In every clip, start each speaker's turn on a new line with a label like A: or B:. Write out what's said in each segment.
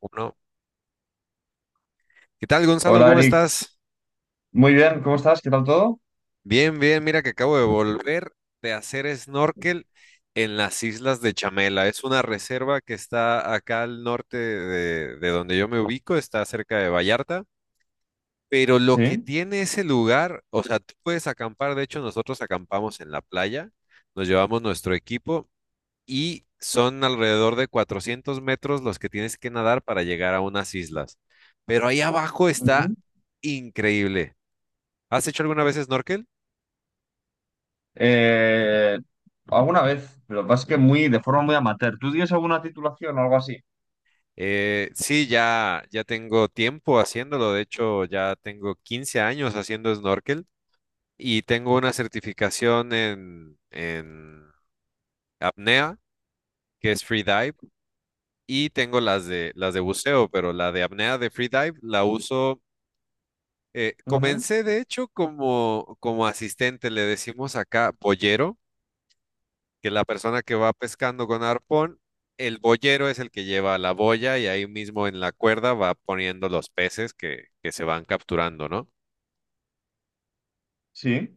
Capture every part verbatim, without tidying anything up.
A: Uno. ¿Qué tal, Gonzalo?
B: Hola
A: ¿Cómo
B: Eric,
A: estás?
B: muy bien, ¿cómo estás? ¿Qué tal todo?
A: Bien, bien. Mira que acabo de volver de hacer snorkel en las islas de Chamela. Es una reserva que está acá al norte de, de donde yo me ubico, está cerca de Vallarta. Pero lo que
B: Sí.
A: tiene ese lugar, o sea, tú puedes acampar. De hecho, nosotros acampamos en la playa, nos llevamos nuestro equipo y son alrededor de cuatrocientos metros los que tienes que nadar para llegar a unas islas. Pero ahí abajo está
B: Ujú.
A: increíble. ¿Has hecho alguna vez snorkel?
B: Eh, Alguna vez, pero lo que pasa es que muy, de forma muy amateur. ¿Tú tienes alguna titulación o algo así?
A: Eh, sí, ya, ya tengo tiempo haciéndolo. De hecho, ya tengo quince años haciendo snorkel y tengo una certificación en, en apnea, que es free dive, y tengo las de, las de buceo, pero la de apnea de free dive la uso. Eh,
B: Ujú.
A: comencé, de hecho, como, como asistente, le decimos acá boyero que la persona que va pescando con arpón, el boyero es el que lleva la boya y ahí mismo en la cuerda va poniendo los peces que, que se van capturando, ¿no?
B: Sí.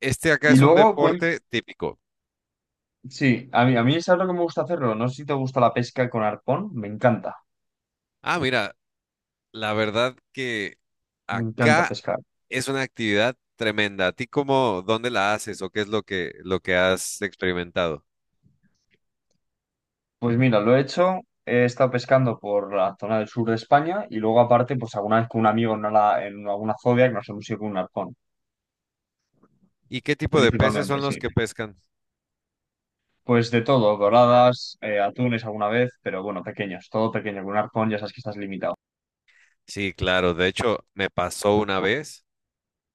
A: Este acá
B: Y
A: es un
B: luego, cuen-
A: deporte típico.
B: sí, a mí, a mí es algo que me gusta hacerlo. No sé si te gusta la pesca con arpón, me encanta,
A: Ah, mira, la verdad que
B: me encanta
A: acá
B: pescar.
A: es una actividad tremenda. ¿A ti cómo, dónde la haces o qué es lo que, lo que has experimentado?
B: Pues mira, lo he hecho, he estado pescando por la zona del sur de España y luego aparte, pues alguna vez con un amigo en, una- en alguna zodia que nos hemos ido con un arpón,
A: ¿Y qué tipo de peces
B: principalmente,
A: son
B: sí.
A: los que pescan?
B: Pues de todo, doradas, eh, atunes alguna vez, pero bueno, pequeños, todo pequeño, con un arpón ya sabes que estás limitado.
A: Sí, claro. De hecho, me pasó una vez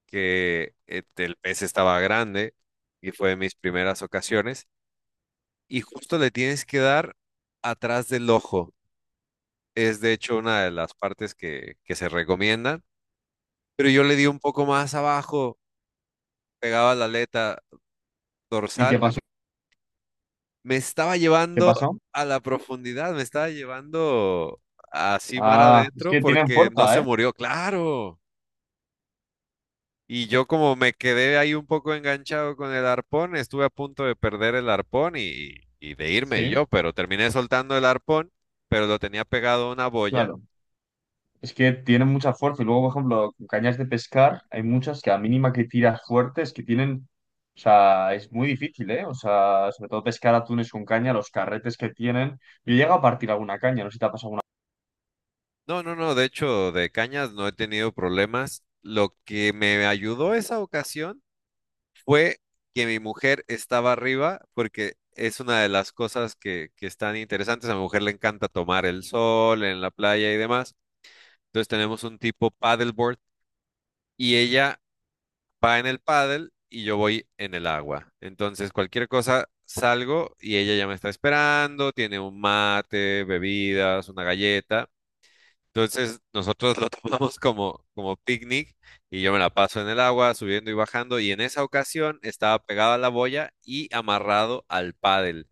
A: que eh, el pez estaba grande y fue de mis primeras ocasiones. Y justo le tienes que dar atrás del ojo. Es de hecho una de las partes que, que se recomiendan. Pero yo le di un poco más abajo, pegaba la aleta
B: ¿Y qué
A: dorsal.
B: pasó?
A: Me estaba
B: ¿Qué
A: llevando
B: pasó?
A: a la profundidad, me estaba llevando así mar
B: Ah, es
A: adentro
B: que tienen
A: porque no se
B: fuerza, ¿eh?
A: murió, claro. Y yo como me quedé ahí un poco enganchado con el arpón, estuve a punto de perder el arpón y, y de irme
B: Sí,
A: yo, pero terminé soltando el arpón, pero lo tenía pegado a una boya.
B: claro. Es que tienen mucha fuerza y luego, por ejemplo, con cañas de pescar hay muchas que a mínima que tiras fuerte es que tienen, o sea, es muy difícil, ¿eh? O sea, sobre todo pescar atunes con caña, los carretes que tienen. Yo llego a partir alguna caña, no sé si te ha pasado alguna.
A: No, no, no, de hecho, de cañas no he tenido problemas. Lo que me ayudó esa ocasión fue que mi mujer estaba arriba, porque es una de las cosas que, que están interesantes. A mi mujer le encanta tomar el sol en la playa y demás. Entonces tenemos un tipo paddleboard y ella va en el paddle y yo voy en el agua. Entonces, cualquier cosa, salgo y ella ya me está esperando, tiene un mate, bebidas, una galleta. Entonces, nosotros lo tomamos como, como picnic y yo me la paso en el agua, subiendo y bajando. Y en esa ocasión estaba pegado a la boya y amarrado al paddle.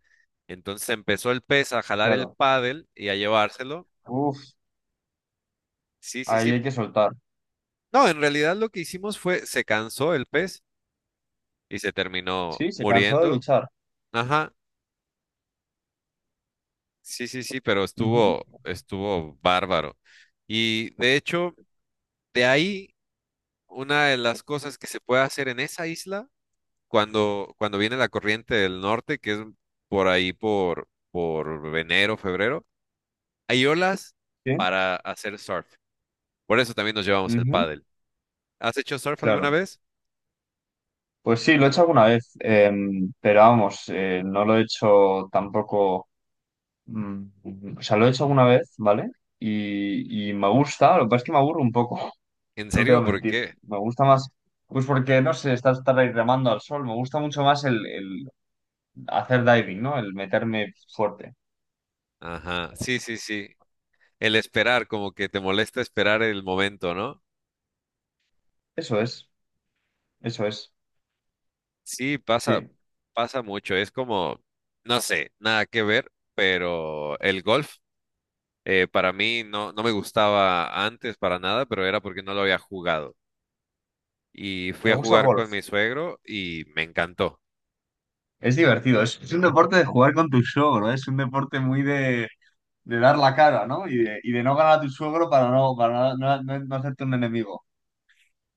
A: Entonces empezó el pez a jalar el
B: Claro.
A: paddle y a llevárselo.
B: Uf,
A: Sí, sí, sí.
B: ahí hay que soltar.
A: No, en realidad lo que hicimos fue, se cansó el pez y se terminó
B: Sí, se cansó de
A: muriendo.
B: luchar.
A: Ajá. Sí, sí, sí, pero
B: Ujú.
A: estuvo, estuvo bárbaro. Y de hecho, de ahí, una de las cosas que se puede hacer en esa isla, cuando, cuando viene la corriente del norte, que es por ahí por, por enero, febrero, hay olas
B: Sí.
A: para hacer surf. Por eso también nos llevamos el
B: Ujú.
A: pádel. ¿Has hecho surf alguna
B: Claro.
A: vez?
B: Pues sí, lo he hecho alguna vez, eh, pero vamos, eh, no lo he hecho tampoco, mm, o sea, lo he hecho alguna vez, ¿vale? Y, y me gusta, lo que pasa es que me aburro un poco.
A: ¿En
B: No te
A: serio?
B: voy a
A: ¿Por
B: mentir,
A: qué?
B: me gusta más, pues porque, no sé, estás estar ahí remando al sol, me gusta mucho más el, el hacer diving, ¿no? El meterme fuerte.
A: Ajá, sí, sí, sí. El esperar, como que te molesta esperar el momento, ¿no?
B: Eso es, eso es,
A: Sí, pasa,
B: sí.
A: pasa mucho. Es como, no sé, nada que ver, pero el golf eh, para mí no, no me gustaba antes para nada, pero era porque no lo había jugado. Y fui
B: ¿Te
A: a
B: gusta el
A: jugar con
B: golf?
A: mi suegro y me encantó.
B: Es divertido, es, es un deporte de jugar con tu show, ¿no? Es un deporte muy de... de dar la cara, ¿no? Y de, y de no ganar a tu suegro para no, para no, no- no no hacerte un enemigo.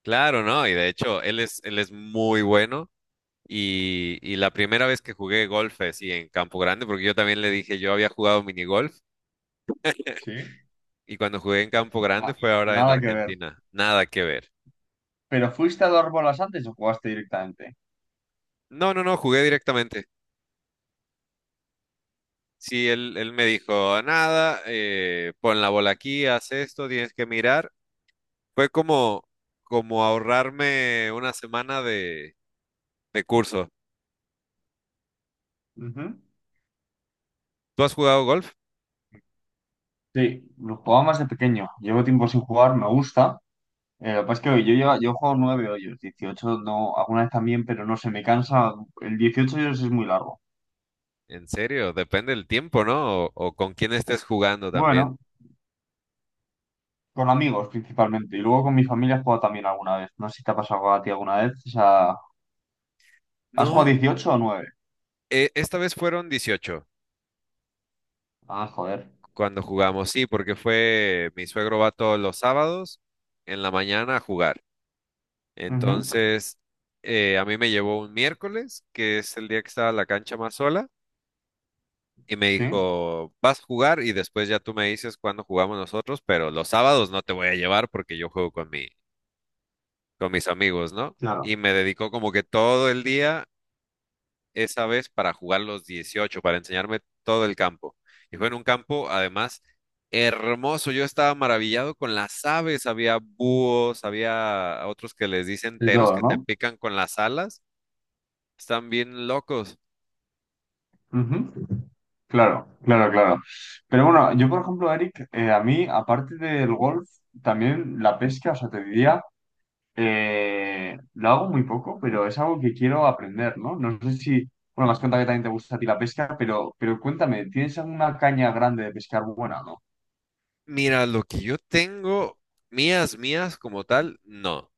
A: Claro, ¿no? Y de hecho, él es, él es muy bueno. Y, y la primera vez que jugué golf así en Campo Grande, porque yo también le dije, yo había jugado minigolf
B: Sí.
A: y cuando jugué en Campo Grande
B: Na-
A: fue ahora en
B: nada que ver.
A: Argentina. Nada que ver.
B: ¿Pero fuiste a dos bolas antes o jugaste directamente?
A: No, no, no, jugué directamente. Sí, él, él me dijo, nada, eh, pon la bola aquí, haz esto, tienes que mirar. Fue como, como ahorrarme una semana de, de curso.
B: Ujú.
A: ¿Tú has jugado golf?
B: Sí, lo jugaba más de pequeño. Llevo tiempo sin jugar, me gusta. Eh, lo que pasa es que yo, lleva, yo juego nueve hoyos, dieciocho no, alguna vez también, pero no sé, me cansa. El dieciocho hoyos es muy largo.
A: En serio, depende del tiempo, ¿no? O, o con quién estés jugando también.
B: Bueno, con amigos principalmente. Y luego con mi familia he jugado también alguna vez. No sé si te ha pasado a ti alguna vez. O sea,
A: No,
B: ¿has jugado
A: mm,
B: dieciocho o nueve?
A: eh, esta vez fueron dieciocho
B: Ah, joder.
A: cuando jugamos, sí, porque fue, mi suegro va todos los sábados en la mañana a jugar.
B: Ujú.
A: Entonces, eh, a mí me llevó un miércoles, que es el día que estaba la cancha más sola. Y me
B: Sí,
A: dijo, vas a jugar y después ya tú me dices cuándo jugamos nosotros, pero los sábados no te voy a llevar porque yo juego con mi, con mis amigos, ¿no? Y
B: claro,
A: me dedicó como que todo el día esa vez para jugar los dieciocho para enseñarme todo el campo. Y fue en un campo, además, hermoso. Yo estaba maravillado con las aves. Había búhos, había otros que les dicen
B: de
A: teros
B: todo,
A: que te
B: ¿no?
A: pican con las alas. Están bien locos.
B: Ujú. Claro, claro, claro. Pero bueno, yo por ejemplo, Eric, eh, a mí, aparte del golf, también la pesca, o sea, te diría, eh, lo hago muy poco, pero es algo que quiero aprender, ¿no? No sé si, bueno, me has contado que también te gusta a ti la pesca, pero, pero cuéntame, ¿tienes alguna caña grande de pescar buena o no?
A: Mira, lo que yo tengo, mías, mías como tal, no.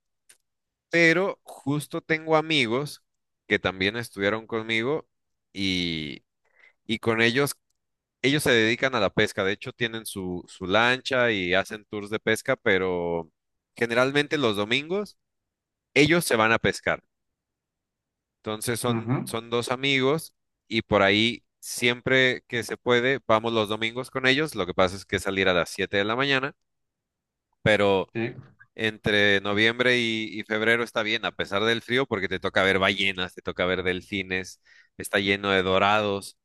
A: Pero justo tengo amigos que también estudiaron conmigo y, y con ellos, ellos se dedican a la pesca, de hecho tienen su, su lancha y hacen tours de pesca, pero generalmente los domingos ellos se van a pescar. Entonces son,
B: Ujú.
A: son dos amigos y por ahí siempre que se puede, vamos los domingos con ellos, lo que pasa es que salir a las siete de la mañana, pero...
B: Sí.
A: entre noviembre y, y febrero está bien, a pesar del frío, porque te toca ver ballenas, te toca ver delfines, está lleno de dorados.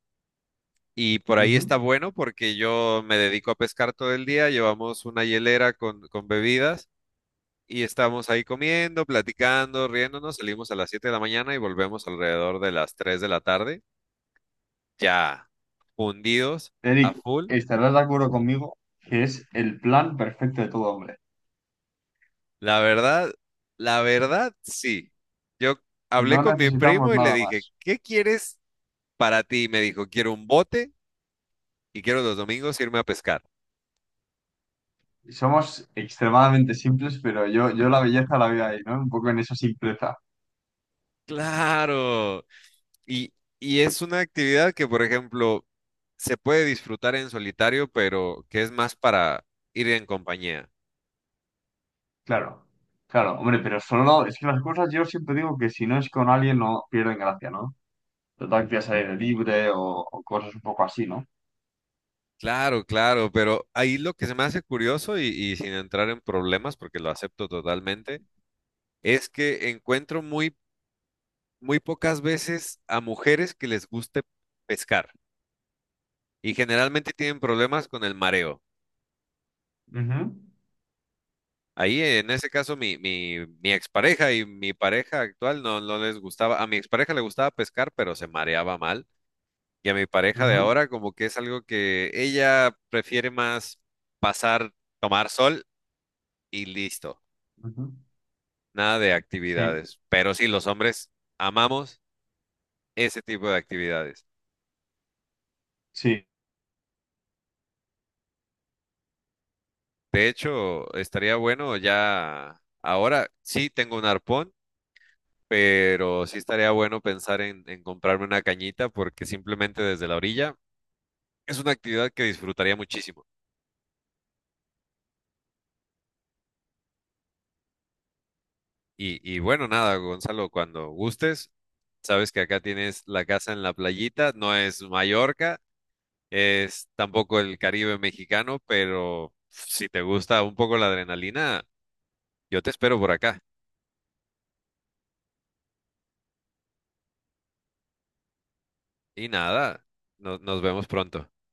A: Y por ahí
B: Ujú.
A: está bueno porque yo me dedico a pescar todo el día, llevamos una hielera con, con bebidas y estamos ahí comiendo, platicando, riéndonos, salimos a las siete de la mañana y volvemos alrededor de las tres de la tarde, ya fundidos a
B: Eric,
A: full.
B: estarás de acuerdo conmigo que es el plan perfecto de todo hombre.
A: La verdad, la verdad, sí. Yo hablé
B: No
A: con mi
B: necesitamos
A: primo y le
B: nada
A: dije,
B: más.
A: ¿qué quieres para ti? Me dijo, quiero un bote y quiero los domingos irme a pescar.
B: Somos extremadamente simples, pero yo, yo la belleza la veo ahí, ¿no? Un poco en esa simpleza.
A: Claro. Y, y es una actividad que, por ejemplo, se puede disfrutar en solitario, pero que es más para ir en compañía.
B: Claro, claro, hombre, pero solo es que las cosas yo siempre digo que si no es con alguien no pierden gracia, ¿no? Total que al aire libre o, o cosas un poco así, ¿no?
A: Claro, claro, pero ahí lo que se me hace curioso y, y sin entrar en problemas, porque lo acepto totalmente, es que encuentro muy, muy pocas veces a mujeres que les guste pescar y generalmente tienen problemas con el mareo.
B: Ujú,
A: Ahí, en ese caso, mi, mi, mi expareja y mi pareja actual no, no les gustaba. A mi expareja le gustaba pescar, pero se mareaba mal. Y a mi pareja de
B: ujú,
A: ahora, como que es algo que ella prefiere más pasar, tomar sol y listo.
B: ujú.
A: Nada de
B: Sí,
A: actividades. Pero sí, los hombres amamos ese tipo de actividades.
B: sí.
A: De hecho, estaría bueno ya ahora, sí tengo un arpón. Pero sí estaría bueno pensar en, en comprarme una cañita porque simplemente desde la orilla es una actividad que disfrutaría muchísimo. Y, y bueno, nada, Gonzalo, cuando gustes, sabes que acá tienes la casa en la playita, no es Mallorca, es tampoco el Caribe mexicano, pero si te gusta un poco la adrenalina, yo te espero por acá. Y nada, no- nos vemos pronto.